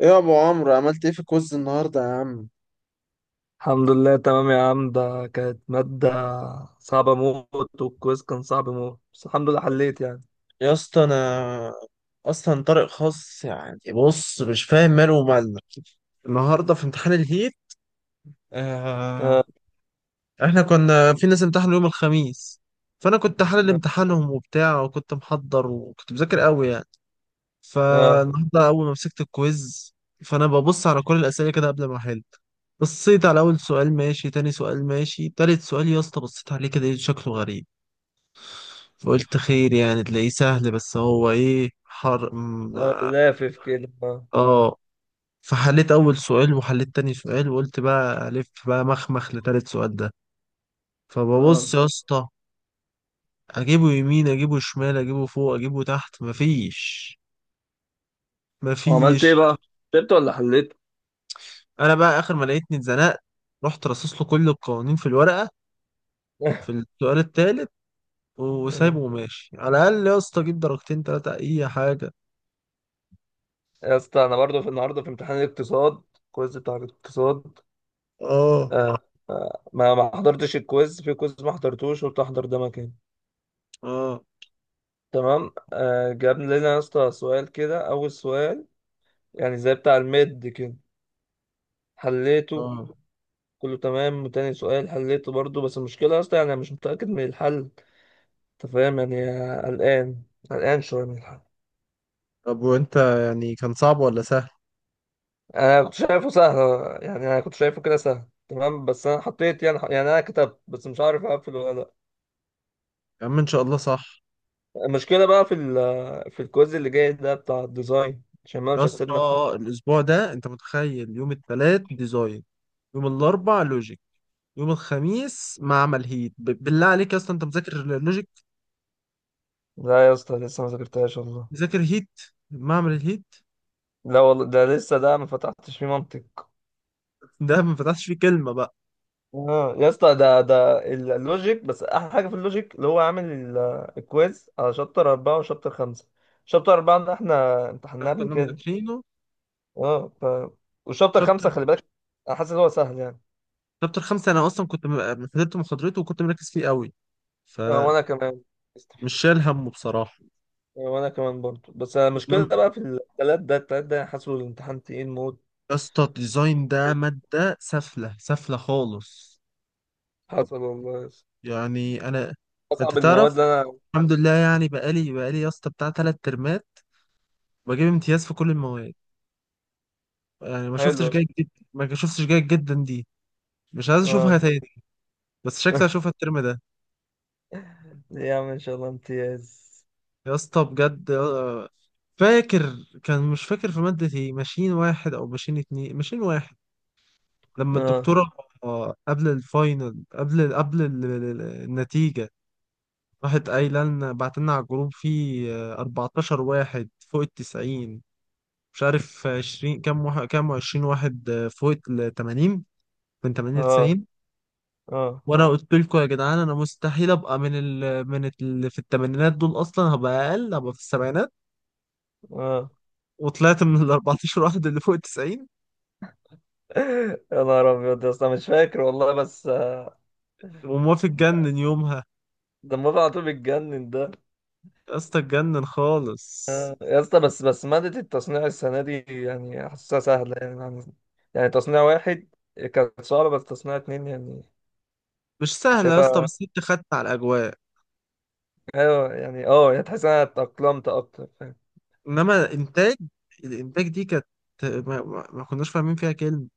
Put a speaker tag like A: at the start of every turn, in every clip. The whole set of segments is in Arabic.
A: ايه يا ابو عمرو عملت ايه في الكوز النهارده يا عم؟
B: الحمد لله تمام يا عم. ده كانت مادة صعبة موت والكويز كان صعب موت، بس الحمد لله حليت يعني.
A: يا اسطى انا اصلا طارق خاص يعني، بص مش فاهم ماله ومالنا. النهارده في امتحان الهيت. آه،
B: اه.
A: احنا كنا في ناس امتحنوا يوم الخميس، فانا كنت حلل
B: اه.
A: امتحانهم وبتاع، وكنت محضر وكنت مذاكر قوي يعني.
B: آه.
A: فالنهارده اول ما مسكت الكويز، فانا ببص على كل الاسئله كده قبل ما احل. بصيت على اول سؤال ماشي، تاني سؤال ماشي، تالت سؤال يا اسطى بصيت عليه كده إيه، شكله غريب. فقلت خير يعني تلاقيه سهل، بس هو ايه حر
B: آه، لافف كده اه.
A: اه فحليت اول سؤال وحليت تاني سؤال، وقلت بقى الف بقى مخمخ لتالت سؤال ده.
B: اه.
A: فببص يا اسطى، اجيبه يمين اجيبه شمال اجيبه فوق اجيبه تحت، مفيش.
B: وعملت ايه
A: مفيش.
B: بقى؟ كتبت ولا حليت؟
A: انا بقى اخر ما لقيتني اتزنقت، رحت رصص له كل القوانين في الورقة في السؤال التالت، وسايبه
B: آه.
A: وماشي. على الاقل يا اسطى اجيب درجتين تلاتة اي حاجة.
B: يا اسطى انا برضه في النهارده في امتحان الاقتصاد، الكويز بتاع الاقتصاد.
A: اه.
B: آه. آه. ما حضرتش الكويز، في كويز ما حضرتوش قلت احضر ده مكان.
A: اه.
B: تمام آه. جاب لنا يا اسطى سؤال كده اول سؤال يعني زي بتاع الميد كده، حليته
A: اه.
B: كله تمام. وتاني سؤال حليته برضو، بس المشكلة أصلا يعني أنا مش متأكد من الحل. أنت فاهم يعني. قلقان. قلقان شوية من الحل.
A: طب وانت يعني كان صعب ولا سهل؟
B: أنا كنت شايفه سهل يعني. أنا كنت شايفه كده سهل تمام، بس أنا حطيت يعني أنا كتبت بس مش عارف أقفل ولا لأ.
A: يا عم ان شاء الله صح.
B: المشكلة بقى في الكويز اللي جاي ده بتاع الديزاين، عشان ما
A: يا
B: مش
A: اسطى
B: هتسيبنا في حد.
A: الاسبوع ده انت متخيل؟ يوم الثلاث ديزاين، يوم الاربع لوجيك، يوم الخميس معمل هيت. بالله عليك يا اسطى، انت مذاكر لوجيك؟
B: لا يا اسطى لسه ما ذاكرتهاش والله.
A: مذاكر هيت؟ معمل الهيت
B: لا والله ده لسه ده ما فتحتش فيه منطق.
A: ده ما فتحش فيه كلمه بقى.
B: اه يا اسطى اللوجيك، بس احلى حاجه في اللوجيك اللي هو عامل الكويز على شابتر 4 وشابتر 5. شابتر أربعة ده احنا امتحناه
A: احنا
B: قبل
A: كنا
B: كده.
A: مذاكرينه.
B: اه وشابتر
A: شابتر،
B: خمسة خلي بالك. انا حاسس ان هو سهل يعني.
A: شابتر خمسة انا اصلا كنت حضرت محاضرته وكنت مركز فيه قوي.
B: اه وانا
A: فمش
B: كمان. استحي.
A: شايل همه بصراحه.
B: اه وانا كمان برضه، بس المشكله
A: انما
B: بقى في التلات ده، التلات ده حاسه الامتحان تقيل موت.
A: يا اسطى الديزاين ده ماده سفله سفله خالص.
B: حصل والله يا اسطى.
A: يعني انا، انت
B: اصعب
A: تعرف،
B: المواد اللي انا.
A: الحمد لله يعني، بقالي يا اسطى بتاع تلات ترمات بجيب امتياز في كل المواد. يعني ما شفتش
B: حلوه.
A: جيد جدا، ما شفتش جيد جدا دي، مش عايز اشوفها
B: اه.
A: تاني. بس شكلي اشوفها الترم ده.
B: يا عم ان شاء الله امتياز.
A: يا اسطى بجد فاكر، كان مش فاكر في مادة ايه، ماشين واحد او ماشين اتنين، ماشين واحد، لما
B: اه.
A: الدكتورة، قبل الفاينل، قبل النتيجة، راحت قايلة لنا بعت لنا على الجروب، فيه 14 واحد فوق التسعين، مش عارف 20 كام واحد، كام 20 واحد فوق ال 80، من 80 ل
B: اه.
A: 90.
B: اه.
A: وانا قلت لكم يا جدعان انا مستحيل ابقى من ال من اللي في الثمانينات دول، اصلا هبقى اقل، هبقى في السبعينات.
B: اه.
A: وطلعت من ال 14 واحد اللي فوق ال 90.
B: يا نهار ابيض يا اسطى مش فاكر والله بس آه.
A: وموافق اتجنن يومها،
B: دمه على طول بيتجنن ده.
A: يا اسطى اتجنن خالص.
B: يا اسطى بس بس مادة التصنيع السنة دي يعني حاسسها سهلة يعني يعني. يعني تصنيع 1 كانت صعبة، بس تصنيع 2 يعني.
A: مش سهله يا اسطى،
B: شايفها.
A: بس انت خدت على الاجواء.
B: ايوه يعني اه يعني تحس إن انا اتأقلمت اكتر.
A: انما انتاج، الانتاج دي كانت، ما كناش فاهمين فيها كلمه.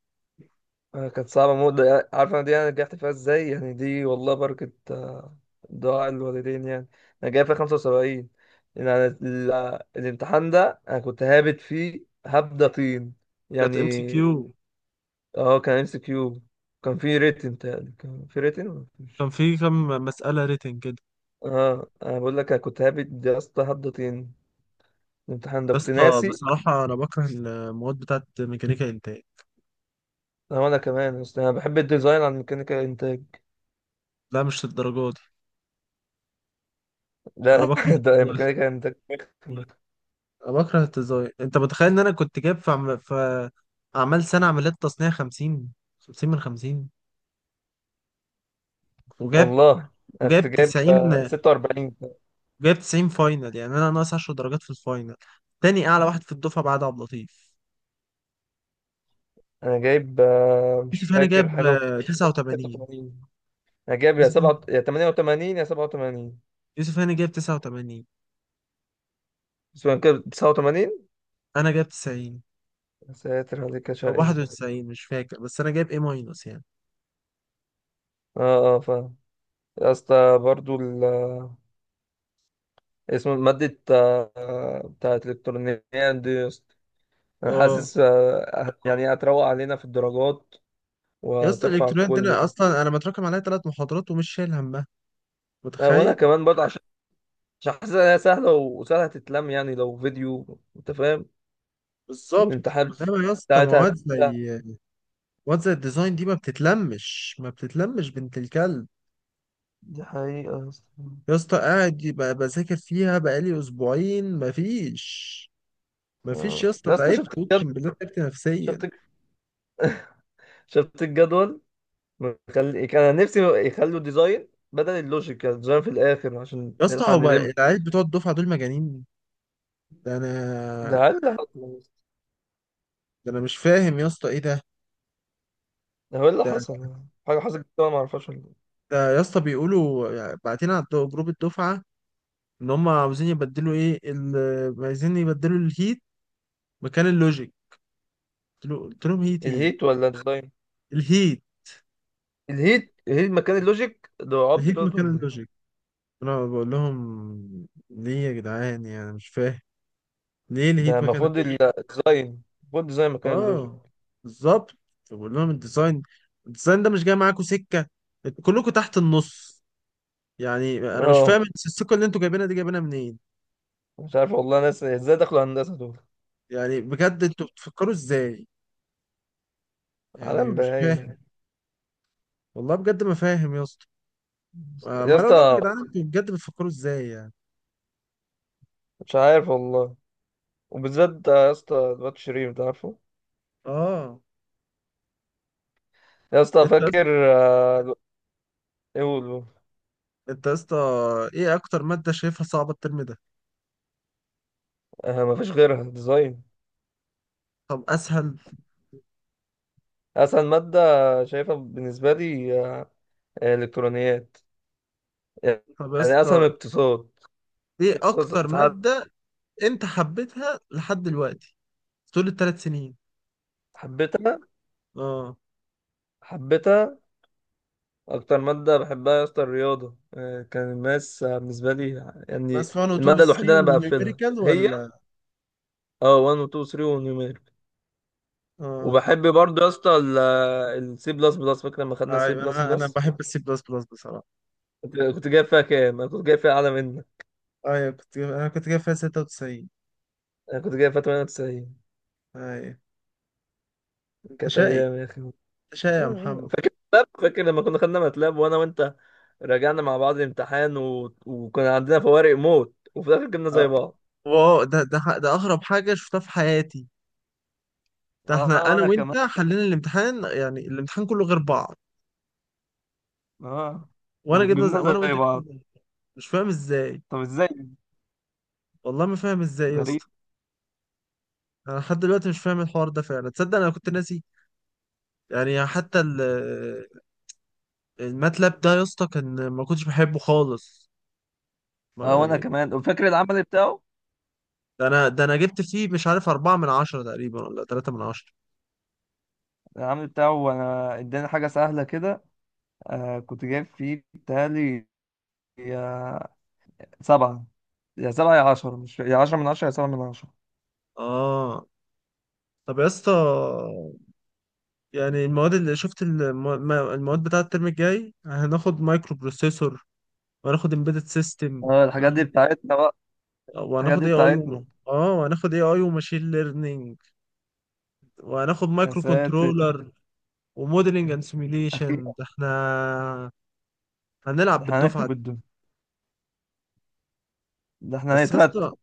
B: آه، كانت صعبة موت ده يعني، عارف أنا دي أنا نجحت فيها إزاي يعني. دي والله بركة آه. دعاء الوالدين يعني. أنا جايب فيها 75. يعني أنا الامتحان ده أنا كنت هابت فيه هبدة طين
A: كانت ام سي
B: يعني.
A: كيو.
B: أه كان إم سي كيو. كان فيه ريتن تقريبا، كان فيه ريتن ولا
A: كان
B: مفيش.
A: في كام مساله ريتنج كده
B: أه أنا بقول لك أنا كنت هابت يا اسطى هبدة طين. الامتحان ده
A: بس.
B: كنت ناسي.
A: بصراحة أنا بكره المواد بتاعت ميكانيكا إنتاج.
B: أه، وأنا كمان أصل أنا بحب الديزاين عن ميكانيكا إنتاج.
A: لا مش للدرجة دي. أنا
B: لا.
A: بكره
B: ده
A: التزاين،
B: ميكانيكا إنتاج
A: أنا بكره التزاين. أنت متخيل إن أنا كنت جايب في أعمال سنة عمليات تصنيع خمسين، خمسين من خمسين. وجايب
B: والله. انا كنت
A: وجايب
B: جايب
A: تسعين.
B: آه، 46.
A: جايب تسعين فاينل، يعني أنا ناقص عشر درجات في الفاينل. تاني أعلى واحد في الدفعة بعد عبد اللطيف.
B: انا جايب آه، مش
A: يوسف هاني
B: فاكر
A: جايب
B: حاجه و-.
A: تسعة وتمانين.
B: 86. انا جايب يا
A: يوسف
B: 7 يا 88 يا 87.
A: يوسف هاني جايب تسعة وتمانين.
B: بس هو كده 89.
A: أنا جايب تسعين،
B: يا ساتر عليك يا
A: أو
B: شقي.
A: واحد وتسعين مش فاكر، بس أنا جايب إيه ماينس يعني.
B: اه اه فاهم. يا اسطى برضو ال آه. اسمه مادة آه، آه، بتاعت الإلكترونيات دي يا اسطى. أنا
A: اه
B: حاسس آه، يعني هتروق علينا في الدرجات
A: يا اسطى
B: وترفع
A: الالكترونيات دي
B: الكل
A: أنا
B: يعني.
A: اصلا انا متراكم عليا ثلاث محاضرات ومش شايل همها.
B: آه، وأنا
A: متخيل.
B: كمان برضه عشان حاسس إنها سهلة وسهلة تتلم يعني لو فيديو أنت فاهم.
A: بالظبط.
B: والامتحانات
A: انما يا اسطى
B: بتاعتها
A: مواد
B: هتبقى.
A: زي، مواد زي الديزاين دي ما بتتلمش، ما بتتلمش بنت الكلب.
B: دي حقيقة يا اسطى.
A: يا اسطى قاعد يبقى بذاكر فيها بقالي اسبوعين، مفيش. مفيش يا
B: آه.
A: اسطى،
B: يا اسطى
A: تعبت
B: شفت الجدول.
A: اقسم بالله، تعبت نفسيا.
B: شفت شفت الجدول مخلي كان نفسي يخلوا ديزاين بدل اللوجيك، يعني ديزاين في الآخر عشان
A: يا اسطى
B: نلحق
A: هو
B: نلم.
A: العيال بتوع الدفعه دول مجانين. ده انا
B: ده هل اللي حصل يا اسطى؟
A: ده انا مش فاهم يا اسطى ايه ده.
B: ده هو اللي
A: ده
B: حصل. حاجة حصلت كده أنا ما اعرفهاش ولا.
A: ده يا اسطى بيقولوا يعني، بعتين على جروب الدفعه ان هم عاوزين يبدلوا ايه عايزين يبدلوا الهيت مكان اللوجيك. قلت لهم هيت
B: إيه؟
A: ايه؟
B: الهيت ولا الديزاين.
A: الهيت،
B: الهيت. الهيت مكان اللوجيك ده عبد
A: الهيت
B: دوت
A: مكان
B: ولا إيه؟
A: اللوجيك. انا بقول لهم ليه يا جدعان، يعني مش فاهم ليه
B: ده
A: الهيت مكان
B: المفروض
A: اللوجيك.
B: الديزاين، المفروض الديزاين مكان اللوجيك.
A: اه بالظبط. فبقول لهم الديزاين، الديزاين ده مش جاي معاكم سكه، انتوا كلكم تحت النص. يعني انا مش
B: اه
A: فاهم السكه اللي انتوا جايبينها دي جايبينها منين.
B: مش عارف والله، ناس ازاي دخلوا هندسة دول.
A: يعني بجد انتوا بتفكروا ازاي؟ يعني
B: عالم
A: مش
B: بهايم يعني.
A: فاهم. والله بجد ما فاهم يا اسطى.
B: يا
A: ما لو يا
B: اسطى
A: جدعان انتوا بجد بتفكروا ازاي يعني.
B: مش عارف والله. وبالذات ده يا اسطى الواد شريف ده عارفه.
A: اه.
B: يا اسطى
A: انت يا اسطى-
B: فاكر آه. ايه هو-.
A: انت يا اسطى، ايه اكتر ماده شايفها صعبه الترم ده؟
B: آه، مفيش غيرها ديزاين.
A: طب اسهل؟
B: اسهل مادة شايفها بالنسبة لي آه، الكترونيات
A: طب يا
B: يعني. اسهل من
A: اسطى
B: اقتصاد.
A: ايه
B: اقتصاد
A: اكتر
B: ساعات.
A: ماده انت حبيتها لحد دلوقتي طول الثلاث سنين؟
B: حبيتها.
A: اه.
B: حبيتها. اكتر مادة بحبها يا اسطى الرياضة آه، كان الماس آه، بالنسبة لي
A: بس
B: يعني.
A: 1 و 2 و
B: المادة
A: 3
B: الوحيدة اللي انا بقفلها
A: ونيوميريكال
B: هي
A: ولا؟
B: اه 1 و 2 و 3 ونيوميريك.
A: اه.
B: وبحب برضه يا اسطى السي بلس بلس. فاكر لما خدنا سي
A: ايوه،
B: بلس
A: انا
B: بلس.
A: بحب السي بلس بلس بصراحه.
B: كنت جايب فيها كام؟ انا كنت جايب فيها اعلى منك.
A: ايوه كنت جايب... انا كنت جايب فيها 96.
B: انا كنت جايب فيها 98.
A: ايوه. انت
B: كانت
A: شقي.
B: ايام يا اخي آه.
A: انت شقي يا
B: آه.
A: محمد.
B: فاكر ماتلاب؟ فاكر لما كنا خدنا ماتلاب، وانا وانت راجعنا مع بعض الامتحان وكنا عندنا فوارق موت وفي الاخر جبنا
A: اه
B: زي بعض.
A: واو، ده اغرب حاجه شفتها في حياتي. ده
B: اه
A: احنا انا
B: وانا كمان.
A: وانت حلينا الامتحان يعني الامتحان كله غير بعض.
B: اه.
A: وانا جبنا زي...
B: وجبنا
A: وانا وانت
B: زي
A: جبنا
B: بعض.
A: زي... مش فاهم ازاي.
B: طب ازاي.
A: والله ما فاهم ازاي يا
B: غريب.
A: اسطى. انا لحد دلوقتي مش فاهم الحوار ده، فعلا تصدق انا كنت ناسي. يعني حتى ال... الماتلاب ده يا اسطى كان ما كنتش بحبه خالص. ما
B: اه وانا
A: يعني
B: كمان. وفاكر العمل بتاعه.
A: ده انا جبت فيه مش عارف أربعة من عشرة تقريبا ولا تلاتة من عشرة.
B: العمل بتاعه انا اداني حاجة سهلة كده. آه كنت جايب فيه بتهيألي يا سبعة. يا سبعة يا عشرة، مش يا عشرة من عشرة يا سبعة من عشرة.
A: اه. طب يا اسطى يعني المواد اللي شفت الم... المواد بتاعة الترم الجاي، هناخد مايكرو بروسيسور، وهناخد امبيدد سيستم،
B: اه الحاجات دي بتاعتنا بقى. الحاجات
A: وهناخد
B: دي
A: اي اي و...
B: بتاعتنا.
A: اه وهناخد اي اي وماشين ليرنينج، وهناخد
B: يا
A: مايكرو
B: ساتر.
A: كنترولر، وموديلنج اند سيميليشن.
B: اخيرا.
A: ده احنا هنلعب
B: ده احنا
A: بالدفعه
B: هنخرب
A: دي.
B: الدنيا. ده احنا
A: بس يا
B: هنترتب.
A: اسطى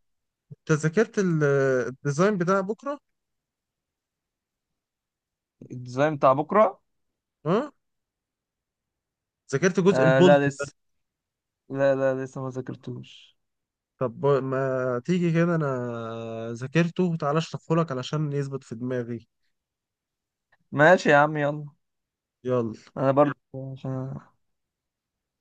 A: انت ذاكرت الديزاين بتاع بكره؟
B: الديزاين بتاع بكره.
A: اه، ذاكرت جزء
B: آه
A: البولت
B: لا
A: ده؟
B: لسه. لا لا لسه ما ذاكرتوش.
A: طب ما تيجي كده انا ذاكرته، تعالى اشرحه لك علشان يثبت في دماغي.
B: ماشي يا عم يلا.
A: يلا.
B: انا برضه عشان